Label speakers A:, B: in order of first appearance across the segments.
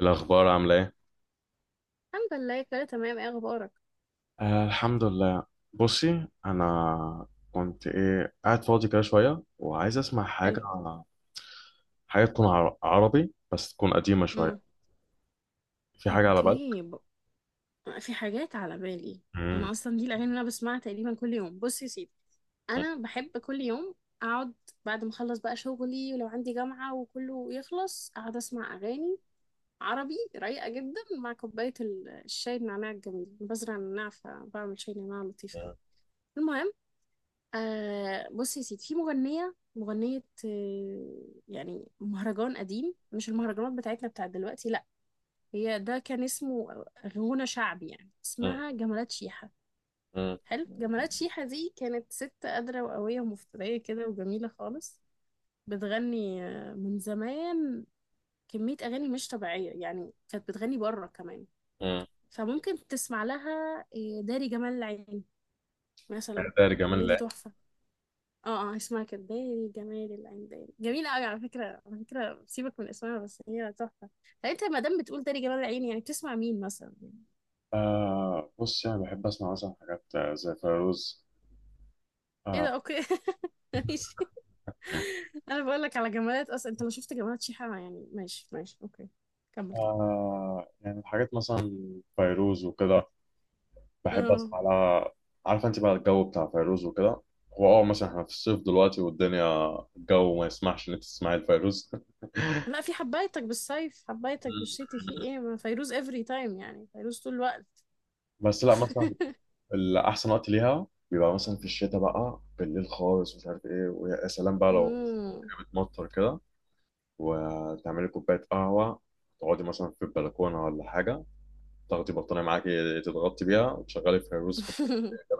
A: الأخبار عاملة إيه؟
B: الحمد لله، كله تمام. ايه اخبارك؟
A: آه، الحمد لله. بصي، أنا كنت إيه قاعد فاضي كده شوية وعايز أسمع
B: حلو.
A: حاجة. حاجة تكون عربي بس تكون قديمة شوية.
B: امم.
A: في حاجة على بالك؟
B: اوكي في حاجات على بالي.
A: مم.
B: انا اصلا دي الاغاني اللي انا بسمعها تقريبا كل يوم. بص يا سيدي،
A: مم.
B: انا بحب كل يوم اقعد بعد ما اخلص بقى شغلي ولو عندي جامعة وكله يخلص، اقعد اسمع اغاني عربي رايقة جدا مع كوباية الشاي، النعناع الجميل بزرع النعناع فبعمل شاي نعناع لطيف قوي.
A: مم.
B: المهم، آه بص يا سيدي، في مغنية، يعني مهرجان قديم، مش المهرجانات بتاعتنا بتاعت دلوقتي. هي ده كان اسمه غنى شعبي يعني. اسمها جمالات شيحة.
A: مم.
B: حلو، جمالات شيحة دي كانت ست قادرة وقوية ومفترية كده وجميلة خالص. بتغني من زمان، كمية أغاني مش طبيعية يعني، كانت بتغني بره كمان.
A: مم.
B: فممكن تسمع لها داري جمال العين مثلا.
A: إعدادي جمال
B: الأغنية دي
A: الله.
B: تحفة. اه اه، اسمها كده داري جمال العين، داري جميلة أوي على فكرة، على فكرة سيبك من اسمها بس هي تحفة. طب انت ما دام بتقول داري جمال العين يعني بتسمع مين مثلا؟
A: آه، بصي، أنا بحب أسمع مثلا حاجات زي فيروز.
B: ايه ده،
A: آه.
B: اوكي ماشي، انا بقول لك على جمالات، اصلا انت لو شفت جمالات شيحة يعني، ماشي ماشي اوكي، كمل كمل.
A: آه، يعني حاجات مثلا فيروز وكده، بحب
B: اه،
A: اسمع لها. عارفه انت بقى الجو بتاع فيروز وكده. هو مثلا احنا في الصيف دلوقتي والدنيا الجو ما يسمحش ان انت تسمعي الفيروز.
B: لا، في حبايتك بالصيف، حبايتك بالشتي، في ايه؟ ما فيروز افري تايم يعني، فيروز طول الوقت.
A: بس لا، مثلا الاحسن وقت ليها بيبقى مثلا في الشتاء بقى بالليل خالص، مش عارف ايه، ويا سلام بقى لو
B: مم.
A: بتمطر كده، وتعملي كوبايه قهوه، تقعدي مثلا في البلكونه ولا حاجه، تاخدي بطانيه معاكي تتغطي بيها وتشغلي فيروز في البلكونه.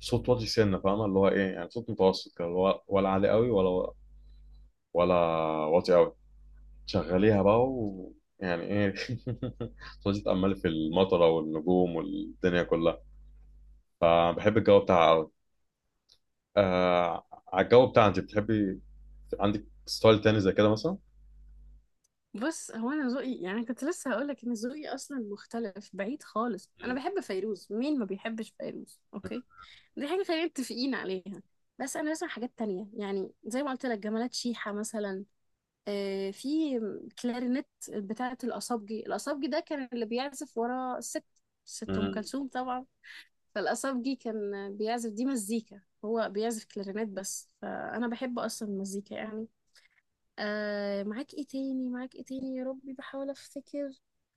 A: صوت واطي، سنه فاهمه اللي هو ايه، يعني صوت متوسط كده، اللي هو ولا عالي قوي، ولا واطي قوي. شغليها بقى و، يعني ايه، تقعدي تتأملي في المطره والنجوم والدنيا كلها. فبحب الجو بتاعها قوي. آه، على الجو بتاعها انت بتحبي؟ عندك ستايل تاني زي كده مثلا؟
B: بص، هو انا ذوقي يعني، كنت لسه هقول لك ان ذوقي اصلا مختلف بعيد خالص. انا بحب فيروز، مين ما بيحبش فيروز؟ اوكي، دي حاجه خلينا متفقين عليها. بس انا بسمع حاجات تانية يعني، زي ما قلت لك جمالات شيحة مثلا، في كلارينت بتاعة الأصابجي. الأصابجي ده كان اللي بيعزف ورا الست، الست أم
A: مم.
B: كلثوم طبعا. فالأصابجي كان بيعزف، دي مزيكا، هو بيعزف كلارينت بس، فأنا بحب أصلا المزيكا يعني. آه، معاك إيه تاني؟ معاك إيه تاني يا ربي، بحاول أفتكر.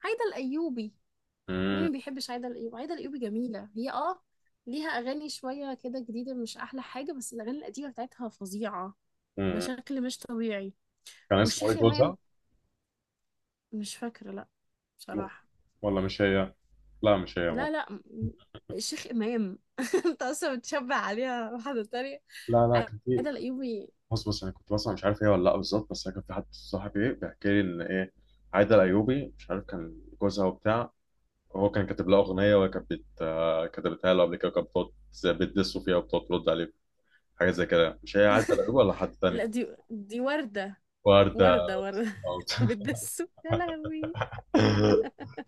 B: عايدة الأيوبي، مين
A: مم.
B: ما بيحبش عايدة الأيوبي؟ عايدة الأيوبي جميلة هي آه. ليها أغاني شوية كده جديدة مش أحلى حاجة، بس الأغاني القديمة بتاعتها فظيعة
A: مم.
B: بشكل مش طبيعي.
A: كان اسمه
B: والشيخ
A: ايه
B: إمام.
A: جوزها؟
B: مش فاكرة لا، بصراحة.
A: ولا مش هي؟ لا مش هي،
B: لا
A: مو.
B: لا، الشيخ إمام انت أصلا بتشبه عليها واحدة تانية.
A: لا لا، كان في.
B: عادة الأيوبي
A: بص بص، انا كنت بسمع مش عارف هي ولا لا بالظبط، بس انا كان في حد صاحبي، ايه، بيحكي لي ان ايه عايده الايوبي، مش عارف كان جوزها وبتاع. هو كان كاتب لها أغنية، وهي كانت بت... آه، كتبتها له قبل كده، وكانت بتقعد زي بتدسه فيها وبتقعد ترد عليه. حاجة زي كده، مش هي عادة الأيوب ولا حد
B: لا،
A: تاني؟
B: دي وردة.
A: وردة.
B: وردة، وردة
A: أو-
B: بتدسه يا لهوي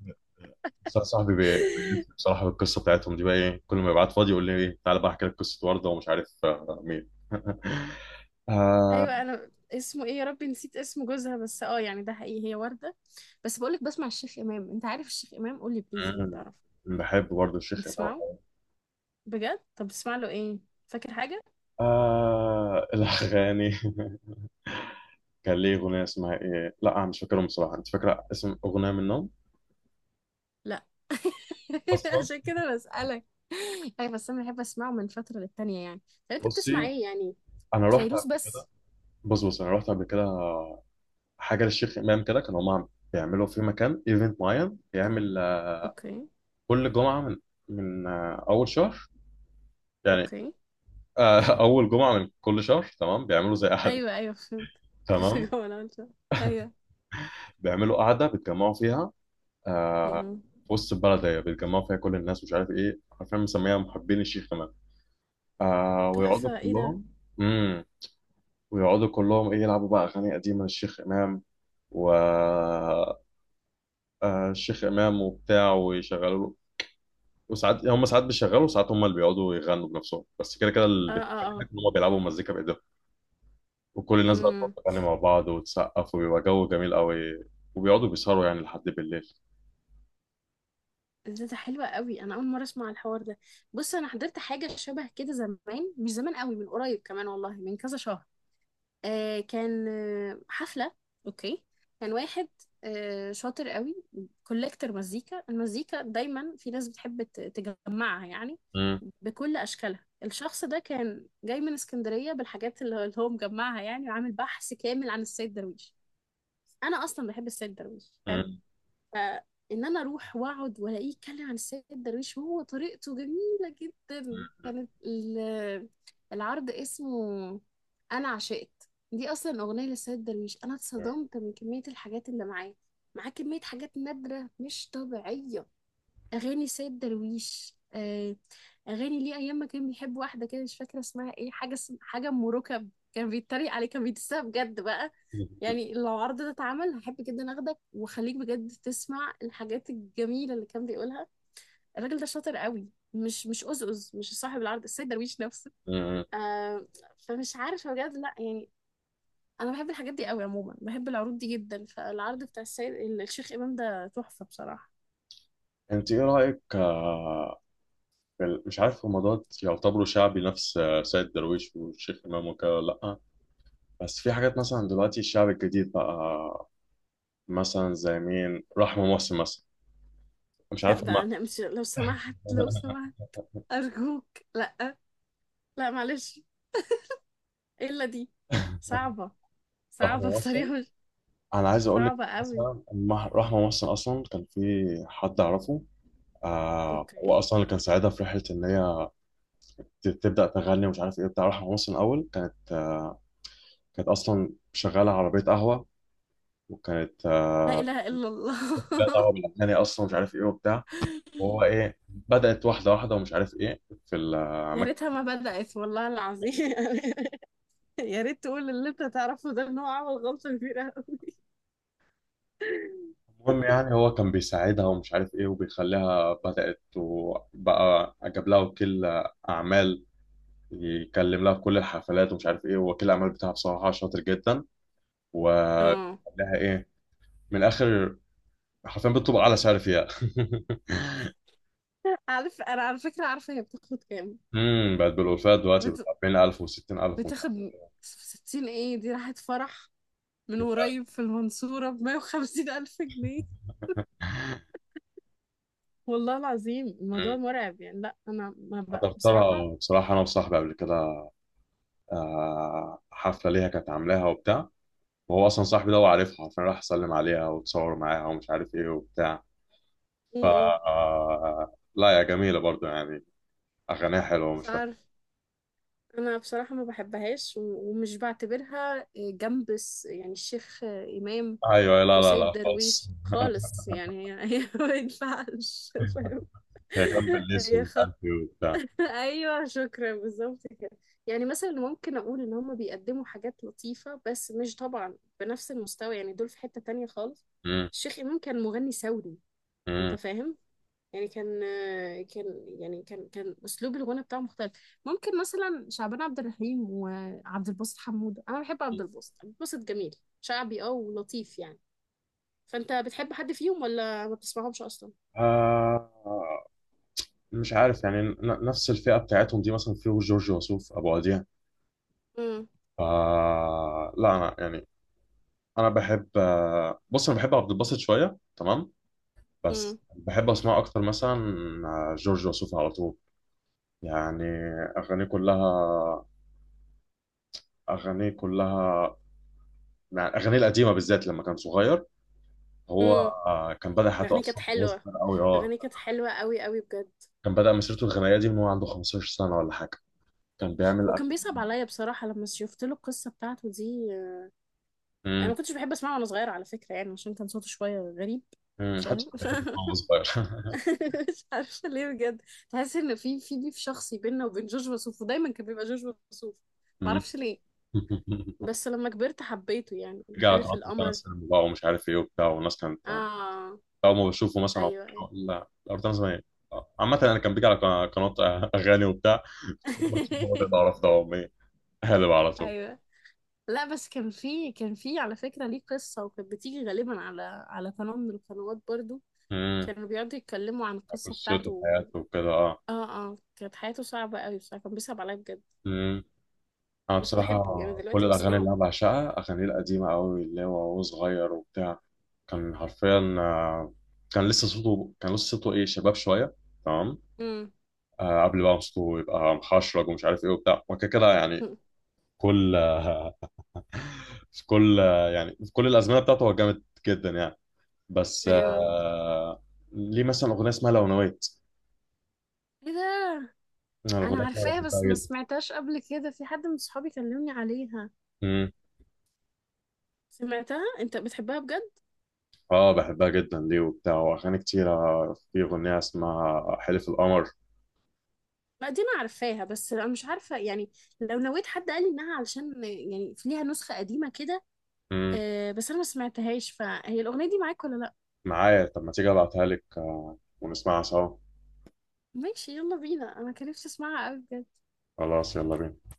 A: بس أنا صاحبي بيلف بصراحة بالقصة بتاعتهم دي، بقى إيه كل ما يبعت فاضي يقول لي إيه، تعالى بقى أحكي لك قصة وردة ومش عارف مين. آه...
B: ايوه انا، اسمه ايه يا ربي، نسيت اسم جوزها. بس اه يعني ده حقيقي، هي وردة. بس بقولك، بسمع الشيخ إمام. انت عارف الشيخ إمام؟ قولي بليز انك
A: مم.
B: تعرف.
A: بحب برضه الشيخ إمام.
B: بتسمعه بجد؟ طب بتسمع له ايه؟ فاكر حاجة؟
A: آه، الأغاني. كان ليه أغنية اسمها إيه؟ لا أنا مش فاكرهم بصراحة، أنت فاكرة اسم أغنية منهم؟
B: لا
A: أصلا.
B: عشان كده بسألك اي بس انا بحب اسمعه من فترة للتانية يعني. طب انت بتسمع
A: بصي،
B: ايه يعني؟
A: أنا رحت
B: فيروز
A: قبل كده.
B: بس؟
A: بص بص، انا رحت قبل كده حاجه للشيخ امام كده، كانوا هم بيعملوا في مكان ايفنت معين، بيعمل
B: اوكي،
A: كل جمعه من اول شهر يعني.
B: اوكي.
A: اول جمعه من كل شهر، تمام بيعملوا زي قعده.
B: ايوه ايوه فهمت كنت
A: تمام.
B: جوه انا قلت. ايوه.
A: بيعملوا قعده بيتجمعوا فيها آه، في
B: أمم.
A: وسط البلد، هي بيتجمعوا فيها كل الناس، مش عارف ايه، عارفين مسميها محبين الشيخ امام، ويقعدوا
B: تحفة، ايه ده.
A: كلهم. امم ويقعدوا كلهم، ايه يلعبوا بقى اغاني قديمه للشيخ امام، و الشيخ امام وبتاع ويشغلوا له، وساعات هم ساعات بيشغلوا وساعات هم اللي بيقعدوا يغنوا بنفسهم، بس كده كده
B: اه
A: اللي
B: اه
A: بيتعمل
B: اه.
A: هناك ان هم بيلعبوا مزيكا بايديهم. وكل الناس بقى بتقعد
B: امم.
A: تغني مع بعض وتسقف، وبيبقى جو جميل قوي. وبيقعدوا بيسهروا يعني لحد بالليل.
B: ده، ده حلوة قوي، انا اول مرة اسمع الحوار ده. بص، انا حضرت حاجة شبه كده زمان، مش زمان قوي، من قريب كمان والله، من كذا شهر. آه كان آه حفلة. اوكي. كان واحد آه شاطر قوي، كولكتر مزيكا. المزيكا دايما في ناس بتحب تجمعها يعني،
A: مم.
B: بكل اشكالها. الشخص ده كان جاي من اسكندرية بالحاجات اللي هو مجمعها يعني، وعامل بحث كامل عن السيد درويش. انا اصلا بحب السيد درويش، حلو.
A: مم.
B: فان انا اروح واقعد والاقيه يتكلم عن السيد درويش، وهو طريقته جميله جدا. كانت العرض اسمه، انا عشقت دي اصلا اغنيه للسيد درويش. انا اتصدمت من كميه الحاجات اللي معاه. معاه كميه حاجات نادره مش طبيعيه. اغاني سيد درويش آه، اغاني ليه ايام ما كان بيحب واحده كده، مش فاكره اسمها ايه، حاجه حاجه ام ركب. كان بيتريق عليه، كان بيدسها بجد بقى.
A: مم.
B: يعني لو العرض ده اتعمل هحب جدا اخدك واخليك بجد تسمع الحاجات الجميله اللي كان بيقولها. الراجل ده شاطر قوي، مش أزأز، مش صاحب العرض السيد درويش نفسه.
A: مم.
B: آه. فمش عارفه بجد، لا يعني. انا بحب الحاجات دي قوي عموما، بحب العروض دي جدا. فالعرض بتاع السيد، الشيخ امام ده تحفه بصراحه.
A: انت ايه رايك في مش عارف هم دوت يعتبروا شعبي نفس سيد درويش والشيخ امام وكده، ولا لا؟ بس في حاجات مثلا دلوقتي الشعب الجديد بقى، مثلا زي مين، رحمه محسن مثلا، مش
B: لا
A: عارف
B: بقى،
A: هم.
B: انا مش، لو سمحت لو سمحت، أرجوك لأ، لأ معلش، إيه إلا دي، صعبة، صعبة
A: رحمه محسن،
B: بطريقة مش،
A: انا عايز اقول لك
B: صعبة قوي.
A: مثلا لما رحمه مصر اصلا كان في حد اعرفه، هو
B: أوكي.
A: اصلا اللي كان ساعدها في رحله ان هي تبدا تغني ومش عارف ايه بتاع. رحمه مصر الاول كانت اصلا شغاله عربيه قهوه، وكانت
B: لا إله إلا الله.
A: لا دعوه بالاغاني اصلا، مش عارف ايه وبتاع، وهو ايه بدات واحده واحده، ومش عارف ايه في
B: يا ريتها
A: المكان.
B: ما بدأت والله العظيم. يا ريت تقول اللي أنت تعرفه ده، إن هو عمل غلطة كبيرة قوي.
A: المهم يعني هو كان بيساعدها ومش عارف ايه، وبيخليها بدأت، وبقى جاب لها وكيل أعمال يكلم لها في كل الحفلات ومش عارف ايه، هو وكيل الاعمال بتاعها بصراحه شاطر جدا، و
B: اه.
A: لها ايه من الاخر حرفيا بتطلب اعلى سعر فيها.
B: عارف، أنا على فكرة عارفة هي بتاخد كام.
A: بقت بالالفات دلوقتي، ب
B: بت...
A: 40000 و60000 ومش عارف
B: بتاخد 60، إيه دي؟ راحت فرح من
A: إيه.
B: قريب في المنصورة بـ150,000 جنيه. والله العظيم الموضوع
A: مم.
B: مرعب يعني. لا انا ما ب...
A: حضرت
B: بصراحه.
A: لها بصراحه انا وصاحبي قبل كده حفله ليها كانت عاملاها وبتاع، وهو اصلا صاحبي ده هو عارفها، حرفيا راح سلم عليها وتصور معاها ومش عارف ايه وبتاع.
B: م-
A: ف
B: م.
A: لا يا جميله برضو يعني، اغانيها حلوه،
B: مش
A: مش فاهم.
B: عارف. انا بصراحه ما بحبهاش ومش بعتبرها آه، جنب يعني الشيخ آه، امام
A: ايوه، لا لا
B: وسيد
A: لا خالص.
B: درويش خالص يعني. هي هي ما ينفعش، فاهم؟
A: كان بالليس
B: هي
A: ومش
B: خ...
A: عارف ايه وبتاع.
B: ايوه شكرا، بالظبط كده. يعني مثلا ممكن اقول ان هم بيقدموا حاجات لطيفه، بس مش طبعا بنفس المستوى يعني، دول في حته تانية خالص.
A: مم.
B: الشيخ امام كان مغني ثوري، انت
A: مم.
B: فاهم، يعني كان، كان، يعني كان اسلوب الغنى بتاعه مختلف. ممكن مثلا شعبان عبد الرحيم وعبد الباسط حمود، انا بحب عبد الباسط، عبد الباسط جميل، شعبي اه ولطيف يعني. فانت بتحب حد فيهم ولا ما بتسمعهمش اصلا؟
A: آه، مش عارف يعني نفس الفئة بتاعتهم دي، مثلا فيه جورج وسوف أبو وديع.
B: امم.
A: آه، لا أنا يعني، أنا بحب بص، أنا بحب عبد الباسط شوية، تمام، بس
B: امم.
A: بحب أسمع أكتر مثلا جورج وسوف على طول يعني. أغانيه كلها أغانيه كلها. يعني أغانيه القديمة بالذات لما كان صغير، هو
B: امم.
A: كان بدأ حياته
B: الاغنيه كانت
A: أصلا من وهو
B: حلوه،
A: صغير أوي.
B: اغانيه كانت حلوه قوي قوي بجد.
A: كان بدأ مسيرته الغنائية دي من وهو عنده 15 سنة ولا حاجة، كان بيعمل
B: هو
A: أكل.
B: كان بيصعب عليا بصراحه لما شفت له القصه بتاعته دي. انا
A: امم
B: ما كنتش بحب اسمعه وانا صغيره على فكره يعني، عشان كان صوته شويه غريب،
A: حتى
B: فاهم؟
A: كان بيحب يسمع وهو صغير.
B: مش عارفه ليه بجد، تحس ان في بيف شخصي بيننا وبين جورج وسوف، ودايما كان بيبقى جورج وسوف.
A: أمم.
B: معرفش ليه. بس لما كبرت حبيته يعني،
A: رجع
B: حلف
A: تقعد تنس
B: القمر.
A: سينما بقى، ومش عارف ايه وبتاع، والناس كانت
B: اه.
A: أول ما بشوفه مثلا أو
B: ايوه
A: بتاع،
B: ايوه.
A: لا الأرض، أنا زمان عامة أنا كان بيجي على قناة أغاني وبتاع، كل ما تشوفه هو ده، بعرف ده أمي هالب على طول.
B: ايوه. لا بس كان في على فكره ليه قصه، وكانت بتيجي غالبا على على قناه من القنوات برضو،
A: امم
B: كانوا بيقعدوا يتكلموا عن القصه
A: قصته
B: بتاعته و-.
A: وحياته وكده.
B: اه. اه، كانت حياته صعبه قوي بصراحه، كان بيصعب عليا بجد.
A: اه. أنا
B: بس
A: بصراحة،
B: بحبه يعني
A: كل
B: دلوقتي
A: الأغاني اللي
B: بسمعه.
A: أنا بعشقها أغاني القديمة أوي اللي هو وهو صغير وبتاع، كان حرفيا كان لسه صوته إيه، شباب شوية، تمام
B: امم.
A: قبل بقى ما صوته يبقى محشرج ومش عارف إيه وبتاع، وكده كده يعني. كل آه، في كل يعني في كل الأزمنة بتاعته هو جامد جدا يعني. بس
B: ايوه،
A: ليه مثلا أغنية اسمها لو نويت.
B: ايه ده،
A: أنا
B: انا
A: الأغنية دي أنا
B: عارفاها
A: بحبها
B: بس ما
A: جدا.
B: سمعتهاش قبل كده، في حد من صحابي كلمني عليها.
A: مم.
B: سمعتها؟ انت بتحبها بجد؟
A: اه، بحبها جدا ليه وبتاع، واغاني كتيره، في اغنيه اسمها حلف القمر.
B: ما دي انا عارفاها، بس انا مش عارفه يعني لو نويت، حد قال لي انها علشان يعني ليها نسخه قديمه كده.
A: مم.
B: آه، بس انا ما سمعتهاش. فهي الاغنيه دي معاك ولا لا؟
A: معايا، طب ما تيجي ابعتها لك ونسمعها سوا.
B: ماشي يلا بينا، انا كان نفسي اسمعها قوي.
A: خلاص يلا بينا.